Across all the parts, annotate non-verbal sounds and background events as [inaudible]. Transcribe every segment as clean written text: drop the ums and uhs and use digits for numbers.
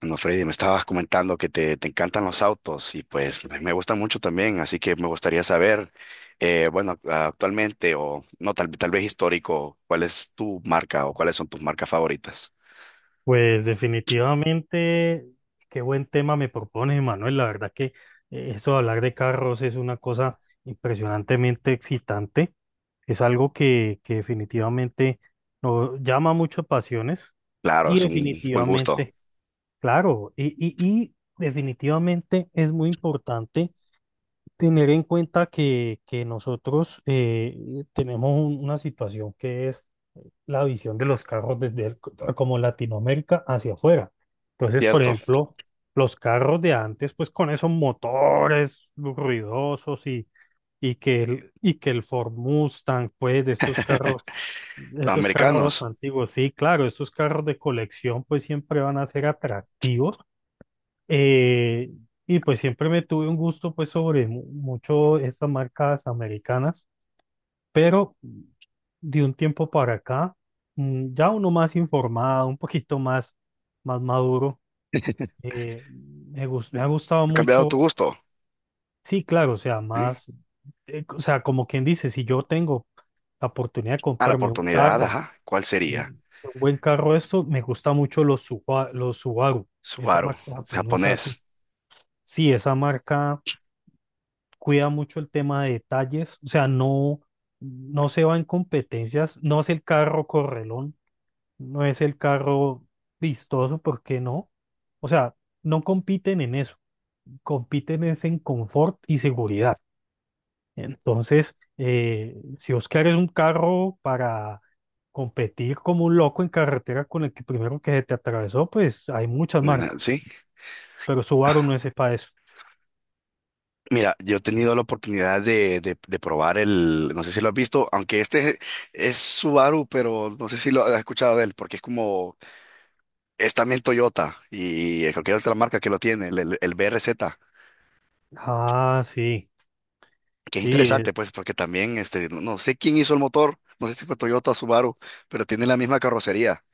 No, Freddy, me estabas comentando que te encantan los autos y pues me gustan mucho también, así que me gustaría saber, bueno, actualmente o no, tal vez histórico, ¿cuál es tu marca o cuáles son tus marcas favoritas? Pues definitivamente, qué buen tema me propones, Manuel. La verdad que eso de hablar de carros es una cosa impresionantemente excitante. Es algo que definitivamente nos llama mucho pasiones Claro, y es un buen gusto, definitivamente, claro, y definitivamente es muy importante tener en cuenta que nosotros tenemos una situación que es la visión de los carros como Latinoamérica hacia afuera. Entonces, por ¿cierto? ejemplo, los carros de antes, pues con esos motores ruidosos y que el Ford Mustang, pues de Los estos carros americanos, antiguos, sí, claro, estos carros de colección, pues siempre van a ser atractivos. Eh, y pues siempre me tuve un gusto, pues sobre mucho estas marcas americanas, pero de un tiempo para acá, ya uno más informado, un poquito más maduro, me me ha gustado ¿ha cambiado tu mucho, gusto? sí, claro, o sea, ¿Sí? más, o sea, como quien dice, si yo tengo la oportunidad de A la comprarme un oportunidad, carro, ajá, ¿cuál eh, sería? un buen carro, esto, me gusta mucho los Subaru, esa Subaru, marca pues no es japonés, así. Sí, esa marca cuida mucho el tema de detalles, o sea, no, no se va en competencias, no es el carro correlón. No es el carro vistoso. ¿Por qué no? O sea, no compiten en eso, compiten es en confort y seguridad. Entonces, si Oscar es un carro para competir como un loco en carretera con el que primero que se te atravesó, pues hay muchas ¿no? Marcas, ¿Sí? pero Subaru no es para eso. Mira, yo he tenido la oportunidad de, de probar no sé si lo has visto, aunque este es Subaru, pero no sé si lo has escuchado de él, porque es como, es también Toyota y cualquier otra marca que lo tiene, el BRZ, Ah, sí, que es sí, interesante, es, pues, porque también, este, no sé quién hizo el motor, no sé si fue Toyota o Subaru, pero tiene la misma carrocería.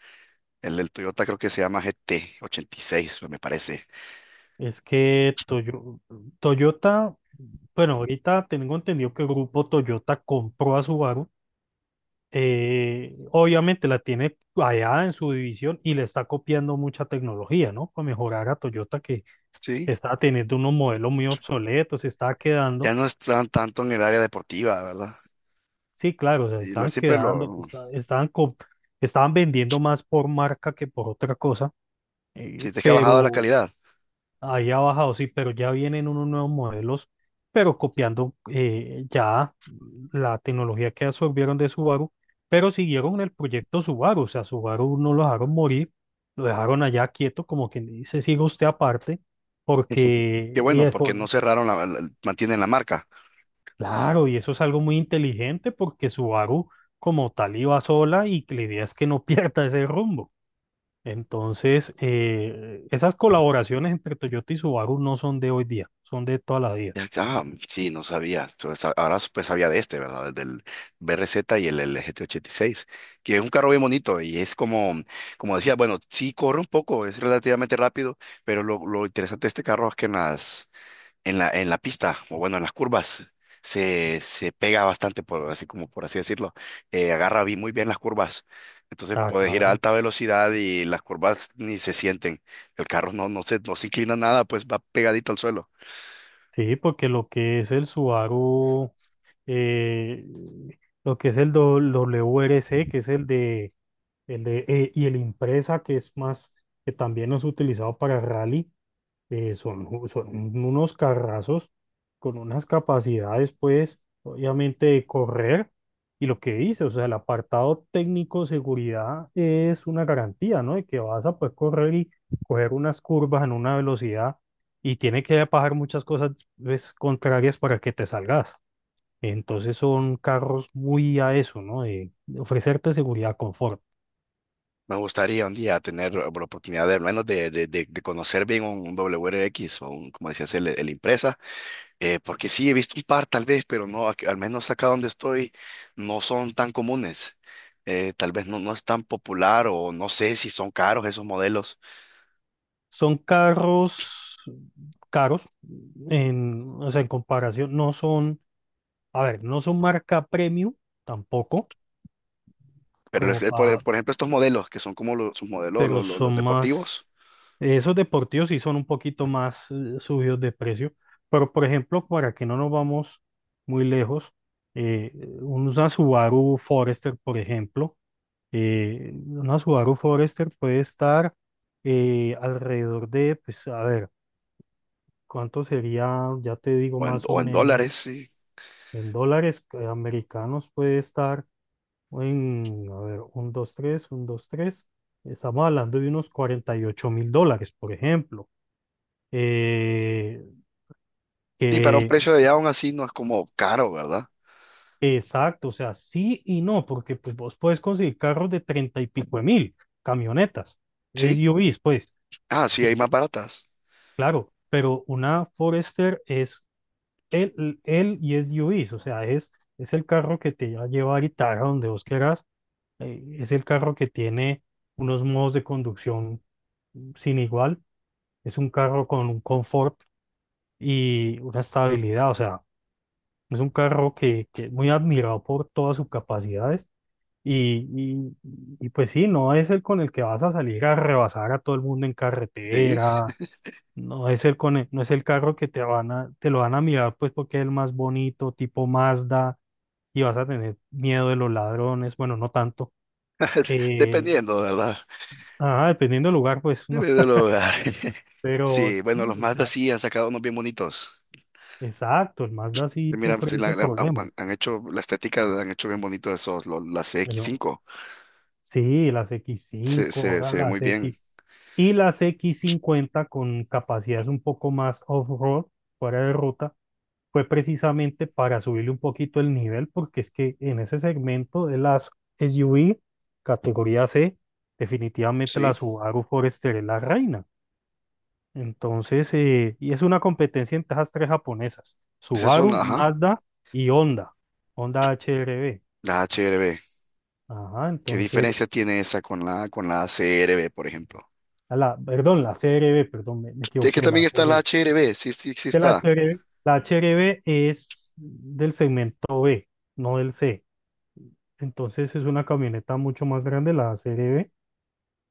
El del Toyota creo que se llama GT86, me parece. es que Toyota, bueno, ahorita tengo entendido que el grupo Toyota compró a Subaru, obviamente la tiene allá en su división y le está copiando mucha tecnología, ¿no? Para mejorar a Toyota que Sí. está teniendo unos modelos muy obsoletos, se está Ya quedando, no están tanto en el área deportiva, ¿verdad? sí, claro, se están Siempre quedando, lo, estaban vendiendo más por marca que por otra cosa, si te es que ha bajado la pero calidad. ahí ha bajado, sí, pero ya vienen unos nuevos modelos, pero copiando ya la tecnología que absorbieron de Subaru, pero siguieron en el proyecto Subaru, o sea, Subaru no lo dejaron morir, lo dejaron allá quieto, como quien dice, siga usted aparte, [laughs] Qué porque, bueno, porque no cerraron la, mantienen la marca. claro, y eso es algo muy inteligente, porque Subaru como tal iba sola y la idea es que no [laughs] pierda ese rumbo. Entonces, esas colaboraciones entre Toyota y Subaru no son de hoy día, son de toda la vida. Ya, ah, sí, no sabía. Entonces, ahora pues sabía de este, ¿verdad? Del BRZ y el GT86, que es un carro bien bonito y es como, como decía, bueno, sí corre un poco, es relativamente rápido, pero lo interesante de este carro es que en la pista, o bueno, en las curvas, se pega bastante, así como por así decirlo. Agarra muy bien las curvas. Entonces Ah, puedes ir a claro. alta velocidad y las curvas ni se sienten. El carro no se inclina nada, pues va pegadito al suelo. Sí, porque lo que es el Subaru, eh, lo que es el WRC que es el de, y el Impreza, que es más, que también es utilizado para rally, son unos carrazos con unas capacidades, pues, obviamente de correr. Y lo que dice, o sea, el apartado técnico seguridad es una garantía, ¿no? De que vas a poder correr y coger unas curvas en una velocidad y tiene que pasar muchas cosas pues, contrarias para que te salgas. Entonces son carros muy a eso, ¿no? De ofrecerte seguridad, confort. Me gustaría un día tener la oportunidad de, al menos de, de conocer bien un W R X o como decías, el Impreza. Porque sí, he visto un par tal vez, pero no, al menos acá donde estoy no son tan comunes. Tal vez no es tan popular o no sé si son caros esos modelos. Son carros caros, en, o sea, en comparación, no son, a ver, no son marca premium tampoco, Pero como pa, por ejemplo, estos modelos que son como sus modelos, pero son más, deportivos, esos deportivos sí son un poquito más subidos de precio, pero por ejemplo, para que no nos vamos muy lejos, eh, una Subaru Forester, por ejemplo, una Subaru Forester puede estar alrededor de, pues a ver, ¿cuánto sería? Ya te digo o en, más o o en menos, dólares, sí. en dólares americanos puede estar. Uy, a ver, un, dos, tres, un, dos, tres. Estamos hablando de unos $48,000, por ejemplo. Eh, Y para un que, precio de allá aún así no es como caro, ¿verdad? exacto, o sea, sí y no, porque pues vos puedes conseguir carros de 30 y pico de mil, camionetas, Sí. SUVs, pues. Ah, sí, hay Y, más baratas. claro, pero una Forester es el y es SUVs, o sea, es el carro que te va a llevar y te a donde vos quieras. Es el carro que tiene unos modos de conducción sin igual. Es un carro con un confort y una estabilidad, o sea, es un carro que es muy admirado por todas sus capacidades y, pues sí, no es el con el que vas a salir a rebasar a todo el mundo en Sí. carretera, no es el con el- no es el carro que te lo van a mirar pues porque es el más bonito, tipo Mazda, y vas a tener miedo de los ladrones, bueno, no tanto, [laughs] eh, Dependiendo, ¿verdad? Dependiendo del lugar pues no, Dependiendo del lugar. [laughs] [laughs] pero Sí, sí, bueno, los o Mazda sea, sí han sacado unos bien bonitos. exacto, el Mazda sí Mira, sí, sufre ese han, problema. han- han hecho la estética, la han hecho bien bonito esos, las Pero, X5. sí, las X Se, cinco, se, ahora se ve muy las X bien. y las X cincuenta con capacidades un poco más off-road, fuera de ruta, fue precisamente para subirle un poquito el nivel, porque es que en ese segmento de las SUV, categoría C, definitivamente Sí, la Subaru Forester es la reina. Entonces, y es una competencia entre esas tres japonesas, esas son, Subaru, ajá, Mazda y Honda, HRB. la HRB. Ajá, ¿Qué entonces diferencia tiene esa con la CRB, por ejemplo? la, perdón, la CRB, perdón, me Es que equivoqué, también la está la CRB. HRB, sí, sí, sí Que está. La CRB, la CRB es del segmento B, no del C. Entonces es una camioneta mucho más grande, la CRB,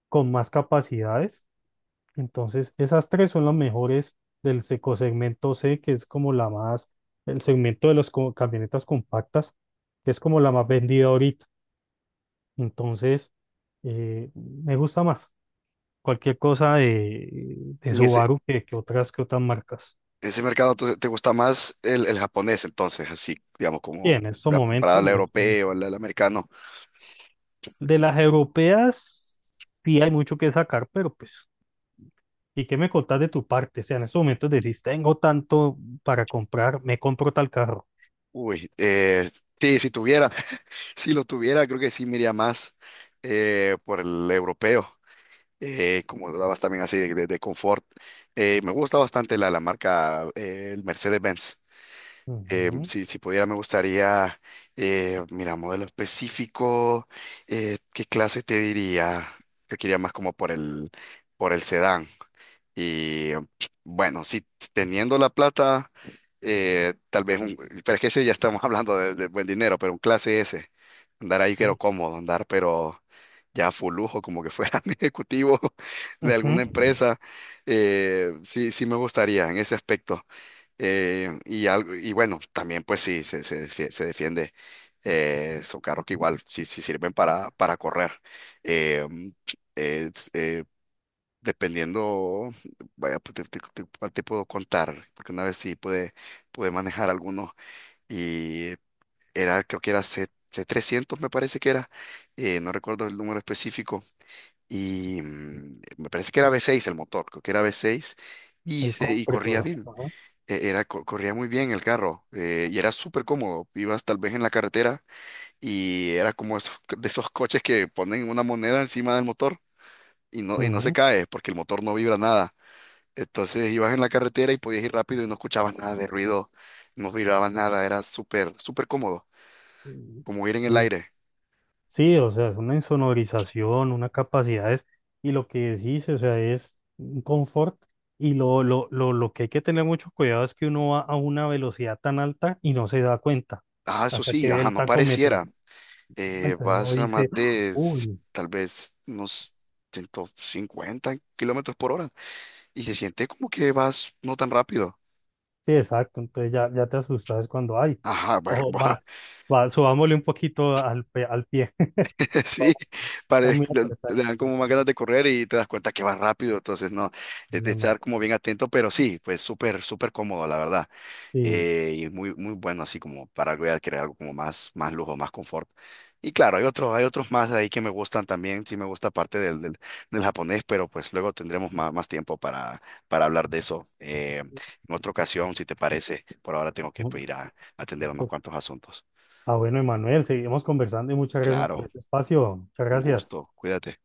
con más capacidades. Entonces esas tres son las mejores del seco segmento C, que es como la más, el segmento de las camionetas compactas, que es como la más vendida ahorita. Entonces me gusta más cualquier cosa de, En ese, Subaru que otras marcas. ese mercado entonces, te gusta más el japonés, entonces, así, digamos, Y como en estos comparado momentos, al europeo, al americano. de las europeas, sí hay mucho que sacar, pero pues, ¿y qué me contás de tu parte? O sea, en estos momentos decís, tengo tanto para comprar, me compro tal carro. Uy, sí, si tuviera, [laughs] si lo tuviera, creo que sí me iría más, por el europeo. Como hablabas también así de, de confort. Me gusta bastante la marca, el Mercedes-Benz. Ujú, si, pudiera, me gustaría, mira, modelo específico, ¿qué clase te diría? Yo quería más como por por el sedán. Y bueno, sí, teniendo la plata, tal vez pero es que sí, ya estamos [laughs] hablando de buen dinero, pero un clase S, andar ahí quiero ujú, cómodo, andar pero ya full lujo, como que fuera [laughs] mi ejecutivo de ujú. alguna empresa, sí me gustaría en ese aspecto. Y algo, y bueno, también pues sí, se defiende. Son carros que igual sí sirven para correr. Eh, eh, Dependiendo, vaya, pues, cuál te puedo contar, porque una vez sí pude manejar algunos y era, creo que era C, 300 me parece que era, no recuerdo el número específico, y me parece que era V6 el motor, creo que era V6, y, El se, y corría compresor. bien, Ajá, era, corría muy bien el carro, y era súper cómodo, ibas tal vez en la carretera y era como [laughs] de esos coches que ponen una moneda encima del motor y no se ujú. cae porque el motor no vibra nada. Entonces ibas en la carretera y podías ir rápido y no escuchabas nada de ruido, no mirabas nada, era súper, súper cómodo, como ir en el Sí, aire. sí, o sea, es una insonorización, una capacidades, y lo que decís, o sea, es un confort, y lo que hay que tener mucho cuidado es que uno va a una velocidad tan alta y no se da cuenta, Ah, eso hasta sí, que ve ajá, el no pareciera. tacómetro. Entonces uno Vas a dice, más ¡Ah! de Uy, tal vez unos 150 kilómetros por hora y se siente como que vas no tan rápido. sí, exacto, entonces ya te asustas cuando, ay, Ajá, ojo, [laughs] va, va, subámosle un poquito al pie, [laughs] está [laughs] sí, pare- muy te te apretado. dan como más ganas de correr y te das cuenta que vas rápido, entonces no, No, es de no, no. estar como bien atento, pero sí, pues súper, súper cómodo, la verdad. Sí, Y es muy, muy bueno así como para algo ya crear algo como más lujo, más confort. Y claro, hay otros más ahí que me gustan también, sí me gusta parte del japonés, pero pues luego tendremos más tiempo para hablar de eso, en otra ocasión, si te parece. Por ahora tengo que pues, ir a atender unos cuantos asuntos. ah, bueno, Emanuel, seguimos conversando y muchas gracias por Claro, este espacio. Muchas un gracias. gusto, cuídate.